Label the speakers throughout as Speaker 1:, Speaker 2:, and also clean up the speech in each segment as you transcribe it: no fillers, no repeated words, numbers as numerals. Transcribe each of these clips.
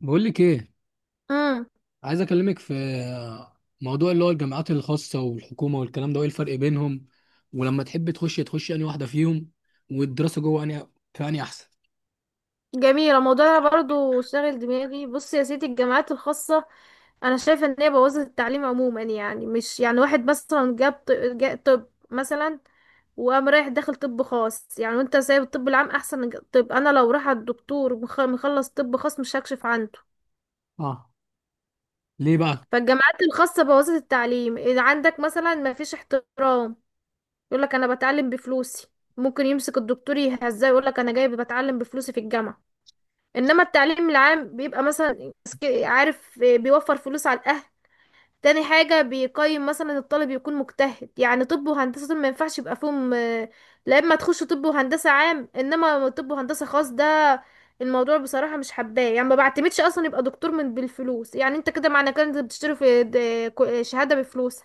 Speaker 1: بقول لك ايه.
Speaker 2: امم
Speaker 1: عايز اكلمك في موضوع اللي هو الجامعات الخاصه والحكومه والكلام ده، وايه الفرق بينهم، ولما تحب تخش انهي واحده فيهم، والدراسه جوه انهي، في انهي احسن؟
Speaker 2: جميلة، الموضوع ده برضه شاغل دماغي. بص يا سيدي، الجامعات الخاصة انا شايفة ان هي بوظت التعليم عموما. يعني مش يعني واحد مثلا جاب طب مثلا وقام رايح داخل طب خاص، يعني وانت سايب الطب العام احسن من الج-. طب انا لو راح الدكتور مخلص طب خاص مش هكشف عنده.
Speaker 1: اه، ليه بقى؟
Speaker 2: فالجامعات الخاصة بوظت التعليم. اذا عندك مثلا ما فيش احترام، يقولك انا بتعلم بفلوسي. ممكن يمسك الدكتور يهزاه يقولك انا جاي بتعلم بفلوسي في الجامعة. انما التعليم العام بيبقى مثلا عارف بيوفر فلوس على الاهل. تاني حاجة بيقيم مثلا الطالب يكون مجتهد، يعني طب وهندسة دول ما ينفعش يبقى فيهم. لا اما تخش طب وهندسة عام انما طب وهندسة خاص، ده الموضوع بصراحة مش حباه. يعني ما بعتمدش اصلا يبقى دكتور من بالفلوس، يعني انت كده معنى كده انت بتشتري شهادة بفلوس.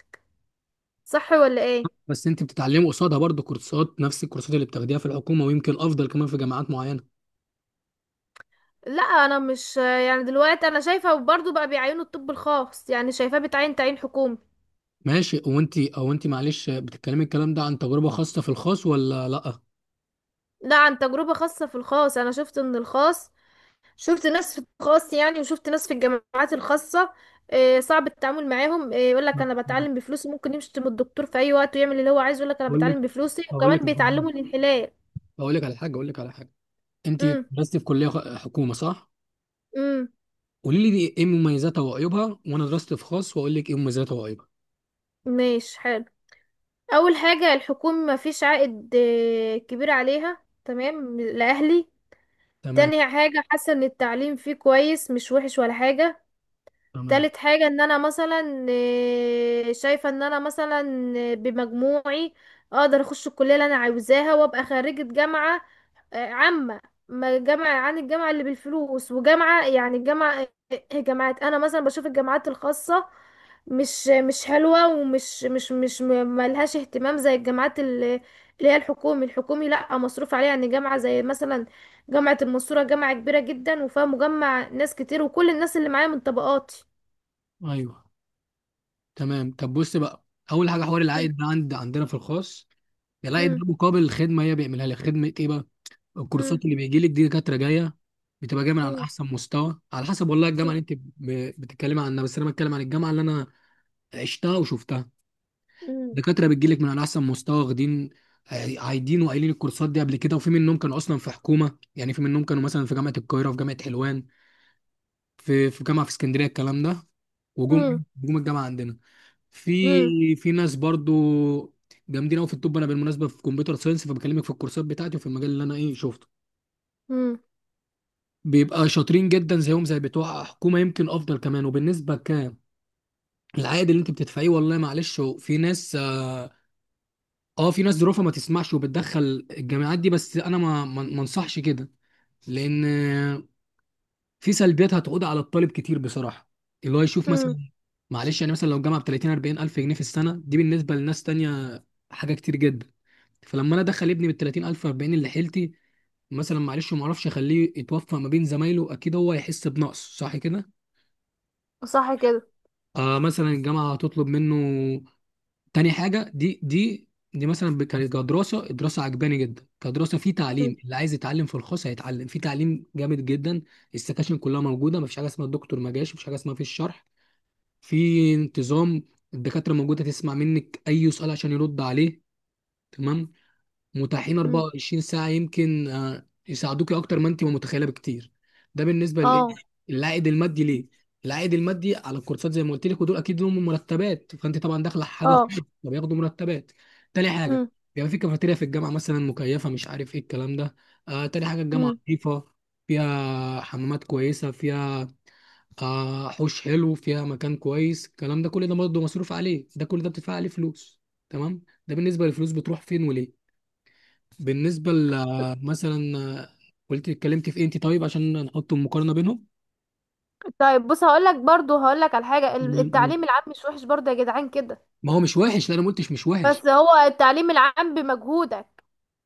Speaker 2: صح ولا ايه؟
Speaker 1: بس انت بتتعلمي قصادها برضه كورسات، نفس الكورسات اللي بتاخديها في الحكومه، ويمكن افضل كمان في جامعات معينه.
Speaker 2: لا انا مش يعني دلوقتي انا شايفة، وبرضه بقى بيعينوا الطب الخاص، يعني شايفاه بتعين تعيين حكومي.
Speaker 1: ماشي، وانت او انت معلش بتتكلمي الكلام ده عن تجربه خاصه في الخاص ولا لا؟
Speaker 2: لا، عن تجربة خاصة في الخاص. أنا شفت إن الخاص، شفت ناس في الخاص يعني وشفت ناس في الجامعات الخاصة. صعب التعامل معاهم. يقول لك أنا
Speaker 1: لا،
Speaker 2: بتعلم بفلوسي، ممكن يشتم الدكتور في أي وقت ويعمل اللي هو عايزه، يقول لك أنا
Speaker 1: بقول لك
Speaker 2: بتعلم بفلوسي،
Speaker 1: بقول لك
Speaker 2: وكمان بيتعلموا الانحلال.
Speaker 1: بقول لك على حاجه، اقول لك على حاجه. انت
Speaker 2: امم.
Speaker 1: درستي في كليه حكومه، صح؟
Speaker 2: امم.
Speaker 1: قولي لي دي ايه مميزاتها وعيوبها، وانا درست في خاص واقول لك ايه مميزاتها وعيوبها.
Speaker 2: ماشي، حلو. أول حاجة الحكومة مفيش عائد كبير عليها، تمام لأهلي.
Speaker 1: تمام.
Speaker 2: تاني حاجة حاسة إن التعليم فيه كويس مش وحش ولا حاجة.
Speaker 1: تمام.
Speaker 2: تالت حاجة ان انا مثلا شايفة ان انا مثلا بمجموعي اقدر اخش الكلية اللي انا عاوزاها وابقى خريجة جامعة عامة. ما جامعة عن الجامعة اللي بالفلوس، وجامعة يعني الجامعة. جامعات، انا مثلا بشوف الجامعات الخاصة مش حلوة ومش مش مش م- ملهاش اهتمام زي الجامعات اللي هي الحكومي لا مصروف عليها. يعني جامعة زي مثلا جامعة المنصورة جامعة كبيرة جدا، وفيها مجمع ناس كتير، وكل الناس اللي معايا من طبقاتي.
Speaker 1: ايوه، تمام. طب بص بقى، اول حاجه حوار العائد ده، عندنا في الخاص العائد
Speaker 2: مم.
Speaker 1: ده مقابل الخدمه، هي بيعملها لك خدمه ايه بقى.
Speaker 2: مم.
Speaker 1: الكورسات اللي بيجي لك دي دكاتره جايه، بتبقى جايه من على
Speaker 2: مم.
Speaker 1: احسن مستوى، على حسب والله الجامعه اللي انت بتتكلمي عنها، بس انا بتكلم عن الجامعه اللي انا عشتها وشفتها.
Speaker 2: مم.
Speaker 1: دكاتره بتجي لك من على احسن مستوى، واخدين عايدين وقايلين الكورسات دي قبل كده، وفي منهم كانوا اصلا في حكومه، يعني في منهم كانوا مثلا في جامعه القاهره، في جامعه حلوان، في جامعه في اسكندريه، الكلام ده.
Speaker 2: مم.
Speaker 1: وجم الجامعه عندنا
Speaker 2: مم.
Speaker 1: في ناس برضو جامدين قوي في الطب. انا بالمناسبه في كمبيوتر ساينس، فبكلمك في الكورسات بتاعتي وفي المجال اللي انا ايه شفته.
Speaker 2: مم.
Speaker 1: بيبقى شاطرين جدا زيهم زي بتوع حكومه، يمكن افضل كمان. وبالنسبه ك العائد اللي انت بتدفعيه، والله معلش، هو في ناس في ناس ظروفها ما تسمحش وبتدخل الجامعات دي، بس انا ما انصحش كده، لان في سلبيات هتعود على الطالب كتير بصراحه، اللي هو يشوف
Speaker 2: مم.
Speaker 1: مثلا، معلش، يعني مثلا لو الجامعه ب 30 40 الف جنيه في السنه، دي بالنسبه لناس تانية حاجه كتير جدا. فلما انا ادخل ابني بال 30 الف 40، اللي حيلتي مثلا معلش ما اعرفش اخليه يتوفق ما بين زمايله، اكيد هو هيحس بنقص، صح كده؟
Speaker 2: صح كده.
Speaker 1: آه، مثلا الجامعه هتطلب منه. تاني حاجة، دي مثلا كانت كدراسة، الدراسة عجباني جدا كدراسة، في
Speaker 2: مم.
Speaker 1: تعليم. اللي عايز يتعلم في الخاص هيتعلم في تعليم جامد جدا. السكاشن كلها موجودة، مفيش حاجة اسمها الدكتور ما جاش، مفيش حاجة اسمها في الشرح، في انتظام. الدكاترة موجودة تسمع منك أي سؤال عشان يرد عليه، تمام. متاحين
Speaker 2: مم.
Speaker 1: 24 ساعة، يمكن يساعدوك أكتر ما أنت ما متخيلة بكتير. ده بالنسبة للإيه؟
Speaker 2: اه.
Speaker 1: العائد المادي ليه؟ العائد المادي على الكورسات زي ما قلت لك، ودول أكيد لهم مرتبات، فأنت طبعا داخلة حاجة
Speaker 2: اه.
Speaker 1: خاصة فبياخدوا مرتبات. تاني حاجة،
Speaker 2: مم.
Speaker 1: بيبقى في كافيتيريا في الجامعة مثلا مكيفة، مش عارف إيه الكلام ده. آه، تاني حاجة، الجامعة
Speaker 2: مم.
Speaker 1: نظيفة، فيها حمامات كويسة، فيها آه حوش حلو، فيها مكان كويس، الكلام ده كل ده برضه مصروف عليه، ده كل ده بتدفع عليه فلوس، تمام. ده بالنسبة للفلوس بتروح فين وليه. بالنسبة مثلا، قلت اتكلمت في انتي، طيب عشان نحط مقارنة بينهم.
Speaker 2: طيب بص، هقولك برضو هقولك على حاجة،
Speaker 1: تمام. تمام.
Speaker 2: التعليم العام مش وحش برضو يا جدعان كده.
Speaker 1: ما هو مش وحش، لا انا ما قلتش مش وحش.
Speaker 2: بس هو التعليم العام بمجهودك،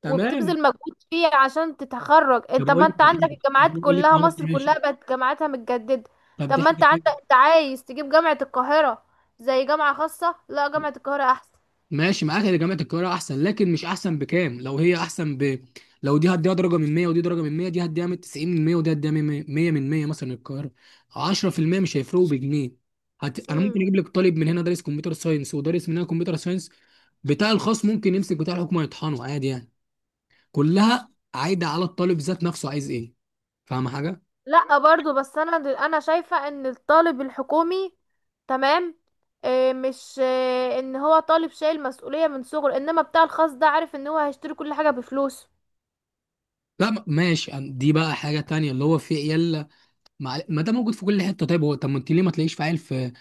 Speaker 1: تمام.
Speaker 2: وبتبذل مجهود فيه عشان تتخرج
Speaker 1: طب
Speaker 2: انت. طب
Speaker 1: اقول
Speaker 2: ما
Speaker 1: لك
Speaker 2: انت
Speaker 1: دي
Speaker 2: عندك
Speaker 1: حاجة. طب
Speaker 2: الجامعات
Speaker 1: اقول لك،
Speaker 2: كلها،
Speaker 1: اه
Speaker 2: مصر
Speaker 1: ماشي،
Speaker 2: كلها بقت جامعاتها متجددة.
Speaker 1: طب
Speaker 2: طب
Speaker 1: دي
Speaker 2: ما
Speaker 1: حاجة
Speaker 2: انت
Speaker 1: تانية.
Speaker 2: عندك، انت عايز تجيب جامعة القاهرة زي جامعة خاصة؟ لا، جامعة القاهرة احسن.
Speaker 1: ماشي معاك ان جامعه القاهره احسن، لكن مش احسن بكام؟ لو هي احسن ب، لو دي هديها درجه من 100 ودي درجه من 100، دي هديها من 90 من 100، ودي هديها من 100، 100 من 100 مثلا، القاهره. 10% مش هيفرقوا بجنيه. انا
Speaker 2: مم.
Speaker 1: ممكن اجيب لك طالب من هنا دارس كمبيوتر ساينس، ودارس من هنا كمبيوتر ساينس، بتاع الخاص ممكن يمسك بتاع الحكومه يطحنه عادي يعني. كلها عايده على الطالب ذات نفسه، عايز ايه. فاهم حاجه؟
Speaker 2: لا برضو، بس انا شايفة ان الطالب الحكومي، تمام، مش ان هو طالب شايل مسؤولية من صغره، انما بتاع الخاص ده عارف ان هو هيشتري كل حاجة بفلوس.
Speaker 1: لا، ماشي، دي بقى حاجه تانية اللي هو في عيال، ما ده موجود في كل حته. طيب هو، طب ما انت ليه ما تلاقيش في عيل في،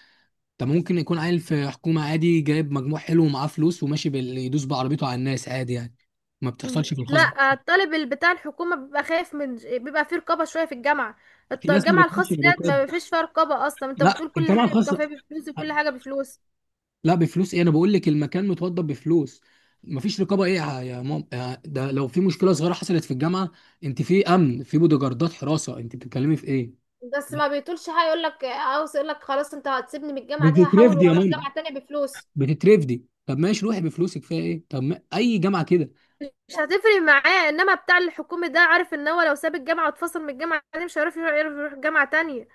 Speaker 1: طب ممكن يكون عيل في حكومة عادي، جايب مجموع حلو ومعاه فلوس، وماشي يدوس بعربيته على الناس عادي يعني، ما
Speaker 2: م.
Speaker 1: بتحصلش في الخاص.
Speaker 2: لا، الطالب اللي بتاع الحكومة بيبقى خايف من، بيبقى فيه رقابة شوية في الجامعة.
Speaker 1: في ناس ما
Speaker 2: الجامعة
Speaker 1: بتخش
Speaker 2: الخاصة ديت
Speaker 1: بالرقاب.
Speaker 2: ما فيش فيها رقابة اصلا، انت
Speaker 1: لا،
Speaker 2: بتقول كل
Speaker 1: الجامعة
Speaker 2: حاجة،
Speaker 1: الخاصة،
Speaker 2: الكافيه بفلوس وكل حاجة بفلوس.
Speaker 1: لا بفلوس ايه، انا بقول لك المكان متوضب بفلوس. مفيش رقابة ايه يا مام، ده لو في مشكلة صغيرة حصلت في الجامعة، انت في امن، في بودوجاردات حراسة، انت بتتكلمي في ايه؟
Speaker 2: بس
Speaker 1: لا.
Speaker 2: ما بيطولش حاجة، يقولك عاوز، يقولك خلاص انت هتسيبني من الجامعة دي، هحاول
Speaker 1: بتترفدي يا
Speaker 2: واروح
Speaker 1: ماما،
Speaker 2: جامعة تانية بفلوس.
Speaker 1: بتترفدي، طب ماشي روحي بفلوسك، فيها ايه، طب ما... اي جامعة كده.
Speaker 2: مش هتفرق معاه. انما بتاع الحكومي ده عارف ان هو لو ساب الجامعه واتفصل من الجامعه دي مش هيعرف يروح، يعرف يروح جامعه تانية،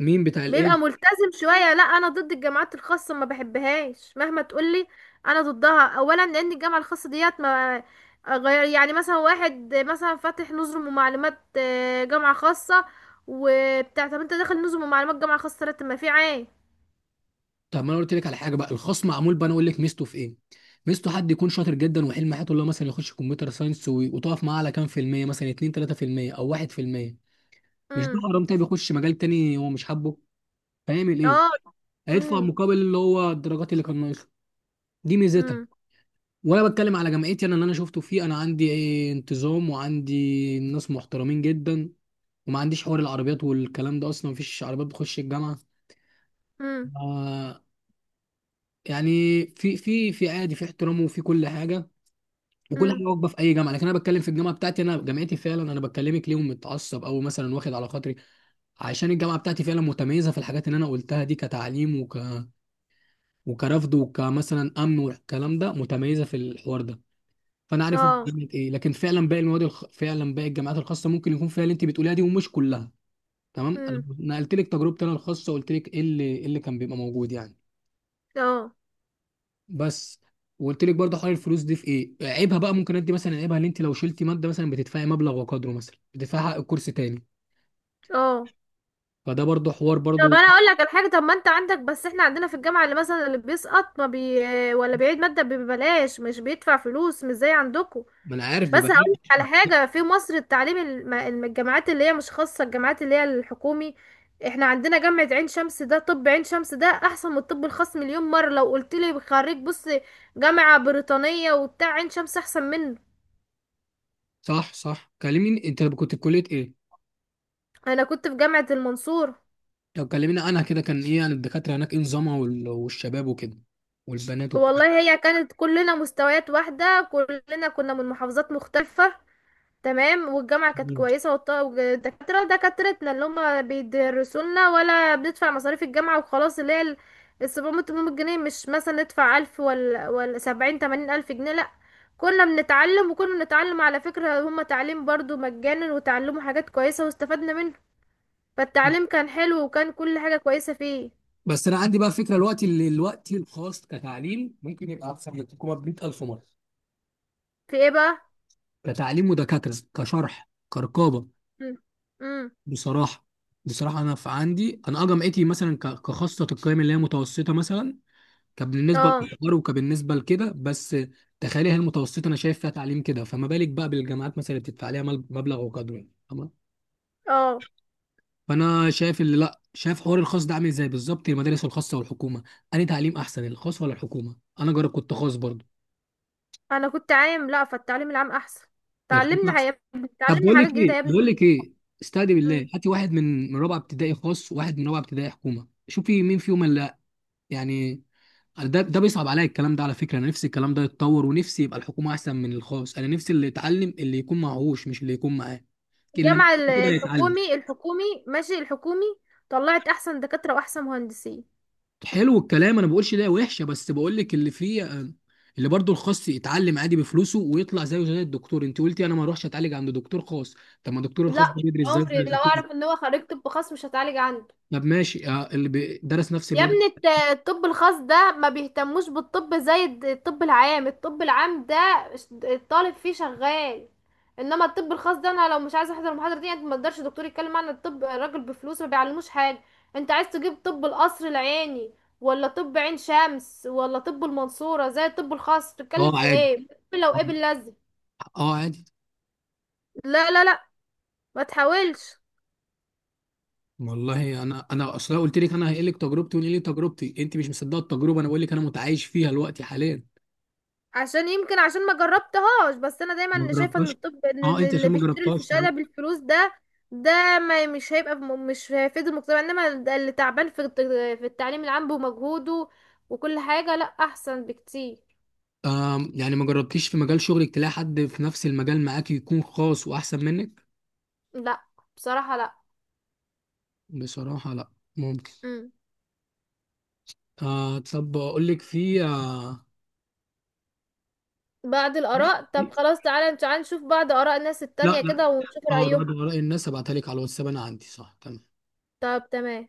Speaker 1: مين بتاع
Speaker 2: بيبقى
Speaker 1: الايه؟
Speaker 2: ملتزم شويه. لا انا ضد الجامعات الخاصه، ما بحبهاش مهما تقولي. انا ضدها اولا لان الجامعه الخاصه ديت ما غير، يعني مثلا واحد مثلا فاتح نظم ومعلومات جامعه خاصه وبتاع طب، انت داخل نظم ومعلومات جامعه خاصه ليه؟ طب ما في عين.
Speaker 1: طب ما انا قلت لك على حاجه بقى الخاص معمول بقى، انا اقول لك ميزته في ايه. ميزته، حد يكون شاطر جدا وحلم حياته اللي هو مثلا يخش كمبيوتر ساينس، وتقف معاه على كام في الميه، مثلا 2 3% او 1%، مش ده
Speaker 2: امم.
Speaker 1: حرام؟ تاني بيخش مجال تاني هو مش حابه، هيعمل ايه؟
Speaker 2: اه.
Speaker 1: هيدفع
Speaker 2: امم.
Speaker 1: مقابل اللي هو الدرجات اللي كان ناقصها. دي ميزتها.
Speaker 2: امم.
Speaker 1: وانا بتكلم على جامعتي انا، اللي انا شفته فيه، انا عندي إيه، انتظام، وعندي ناس محترمين جدا، وما عنديش حوار العربيات والكلام ده، اصلا مفيش عربيات بتخش الجامعه،
Speaker 2: امم.
Speaker 1: آه. يعني في عادي، في احترام وفي كل حاجه. وكل
Speaker 2: امم.
Speaker 1: حاجه واقفه في اي جامعه، لكن انا بتكلم في الجامعه بتاعتي انا، جامعتي فعلا، انا بكلمك ليهم، متعصب او مثلا واخد على خاطري عشان الجامعه بتاعتي فعلا متميزه في الحاجات اللي انا قلتها دي، كتعليم، وكرفض، وكمثلا امن والكلام ده، متميزه في الحوار ده. فانا عارف أنا
Speaker 2: اه.
Speaker 1: جامعه ايه، لكن فعلا باقي المواد فعلا باقي الجامعات الخاصه ممكن يكون فيها اللي انت بتقوليها دي، ومش كلها، تمام. انا
Speaker 2: امم.
Speaker 1: نقلت لك تجربتي انا الخاصه، وقلت لك ايه اللي، إيه اللي كان بيبقى موجود يعني،
Speaker 2: اه.
Speaker 1: بس. وقلت لك برضه حوار الفلوس دي في ايه عيبها بقى، ممكن ادي مثلا عيبها ان انت لو شلتي ماده مثلا بتدفعي مبلغ وقدره، مثلا بتدفعي حق الكورس تاني،
Speaker 2: اه.
Speaker 1: فده برضه حوار
Speaker 2: طب
Speaker 1: برضه.
Speaker 2: انا اقول لك الحاجه، طب ما انت عندك، بس احنا عندنا في الجامعه اللي مثلا اللي بيسقط ما بي ولا بيعيد ماده ببلاش، مش بيدفع فلوس مش زي عندكم.
Speaker 1: ما انا عارف،
Speaker 2: بس
Speaker 1: ببقى
Speaker 2: هقول لك على حاجه، في مصر التعليم الجامعات اللي هي مش خاصه، الجامعات اللي هي الحكومي، احنا عندنا جامعه عين شمس ده. طب عين شمس ده احسن من الطب الخاص مليون مره. لو قلت لي خريج، بص جامعه بريطانيه وبتاع، عين شمس احسن منه.
Speaker 1: صح صح. كلميني انت كنت في كليه ايه،
Speaker 2: انا كنت في جامعه المنصوره.
Speaker 1: لو كلميني انا كده كان ايه يعني، الدكاتره هناك ايه نظامها، والشباب وكده، والبنات والكلام
Speaker 2: والله هي كانت، كلنا مستويات واحده، كلنا كنا من محافظات مختلفه، تمام. والجامعة كانت
Speaker 1: ده.
Speaker 2: كويسة، والدكاترة دكاترتنا اللي هما بيدرسولنا، ولا بندفع مصاريف الجامعة وخلاص، اللي هي ال- 700-800 جنيه، مش مثلا ندفع 1000 ولا 70-80 ألف جنيه. لأ، كنا بنتعلم، وكنا بنتعلم على فكرة، هما تعليم برضو مجانا وتعلموا حاجات كويسة واستفدنا منه. فالتعليم كان حلو وكان كل حاجة كويسة فيه.
Speaker 1: بس انا عندي بقى فكره، الوقت اللي الوقت الخاص كتعليم ممكن يبقى احسن من الحكومه ب 100,000 مره،
Speaker 2: في ايه بقى؟
Speaker 1: كتعليم ودكاتره كشرح كرقابه،
Speaker 2: امم.
Speaker 1: بصراحة. بصراحة أنا في عندي، أنا أه جامعتي مثلا كخاصة القيم اللي هي متوسطة، مثلا كبالنسبة
Speaker 2: اه.
Speaker 1: للإحضار وكبالنسبة لكده بس. تخيلي هي المتوسطة أنا شايف فيها تعليم كده، فما بالك بقى بالجامعات مثلا اللي بتدفع عليها مبلغ وقدره يعني، تمام.
Speaker 2: اه.
Speaker 1: فأنا شايف اللي، لأ شايف حوار الخاص ده عامل إزاي بالظبط، المدارس الخاصة والحكومة، أنهي تعليم أحسن، الخاص ولا الحكومة؟ أنا جرب، كنت خاص برضه.
Speaker 2: انا كنت عام، لأ فالتعليم العام احسن.
Speaker 1: الخاص
Speaker 2: تعلمنا
Speaker 1: أحسن.
Speaker 2: يا ابني،
Speaker 1: طب
Speaker 2: تعلمنا
Speaker 1: بقول
Speaker 2: حاجات
Speaker 1: لك
Speaker 2: جديدة يا
Speaker 1: إيه، بقول
Speaker 2: ابني.
Speaker 1: لك إيه، استهدي بالله، هاتي واحد من رابعة ابتدائي خاص، وواحد من رابعة ابتدائي حكومة، شوفي مين فيهم اللي يعني. ده ده بيصعب عليا الكلام ده على فكره، انا نفسي الكلام ده يتطور، ونفسي يبقى الحكومه احسن من الخاص، انا نفسي اللي يتعلم اللي يكون معهوش، مش اللي يكون معاه. اللي معاه
Speaker 2: الجامعة
Speaker 1: كده يتعلم.
Speaker 2: الحكومي، الحكومي ماشي، الحكومي طلعت احسن دكاترة واحسن مهندسين.
Speaker 1: حلو الكلام، انا بقولش ده وحشه، بس بقول لك اللي فيه اللي برضه الخاص يتعلم عادي بفلوسه، ويطلع زيه زي الدكتور. انت قلتي انا ما اروحش اتعالج عند دكتور خاص، طب ما الدكتور الخاص
Speaker 2: لا،
Speaker 1: ده بيدرس زي
Speaker 2: عمري لو
Speaker 1: الحكومه.
Speaker 2: اعرف ان هو خريج طب خاص مش هتعالج عنده.
Speaker 1: طب ماشي، اللي درس نفس
Speaker 2: يا
Speaker 1: الماده،
Speaker 2: ابني الطب الخاص ده ما بيهتموش بالطب زي الطب العام. الطب العام ده الطالب فيه شغال، انما الطب الخاص ده، انا لو مش عايزه احضر المحاضره دي انت ما تقدرش. دكتور يتكلم عن الطب، الراجل بفلوس ما بيعلموش حاجه. انت عايز تجيب طب القصر العيني، ولا طب عين شمس، ولا طب المنصوره زي الطب الخاص؟ تتكلم
Speaker 1: اه
Speaker 2: في
Speaker 1: عادي،
Speaker 2: ايه؟ لو ايه باللزق.
Speaker 1: اه عادي.
Speaker 2: لا لا لا، ما تحاولش.
Speaker 1: والله انا اصلا قلت لك انا هقول لك تجربتي، ونقول لي تجربتي، انت مش مصدقه التجربه، انا بقول لك انا متعايش فيها دلوقتي حاليا.
Speaker 2: عشان يمكن عشان ما جربتهاش، بس انا
Speaker 1: ما
Speaker 2: دايما شايفه ان
Speaker 1: جربتهاش،
Speaker 2: الطب،
Speaker 1: اه
Speaker 2: ان
Speaker 1: انت
Speaker 2: اللي
Speaker 1: عشان ما
Speaker 2: بيشتري
Speaker 1: جربتهاش،
Speaker 2: الفشاله
Speaker 1: تمام.
Speaker 2: بالفلوس ده، ده ما مش هيبقى مش هيفيد المجتمع. انما ده اللي تعبان في التعليم العام بمجهوده وكل حاجه، لا احسن بكتير.
Speaker 1: يعني ما جربتيش في مجال شغلك تلاقي حد في نفس المجال معاك يكون خاص واحسن منك؟
Speaker 2: لا بصراحه لا.
Speaker 1: بصراحه لا. ممكن.
Speaker 2: مم.
Speaker 1: آه طب اقول لك في
Speaker 2: بعد
Speaker 1: لا،
Speaker 2: الاراء، طب خلاص تعالى تعالى نشوف بعض اراء الناس
Speaker 1: لا،
Speaker 2: التانية كده، ونشوف
Speaker 1: اه.
Speaker 2: رايهم.
Speaker 1: بعد وراء الناس ابعتها لك على الواتساب، انا عندي، صح، تمام.
Speaker 2: طب تمام.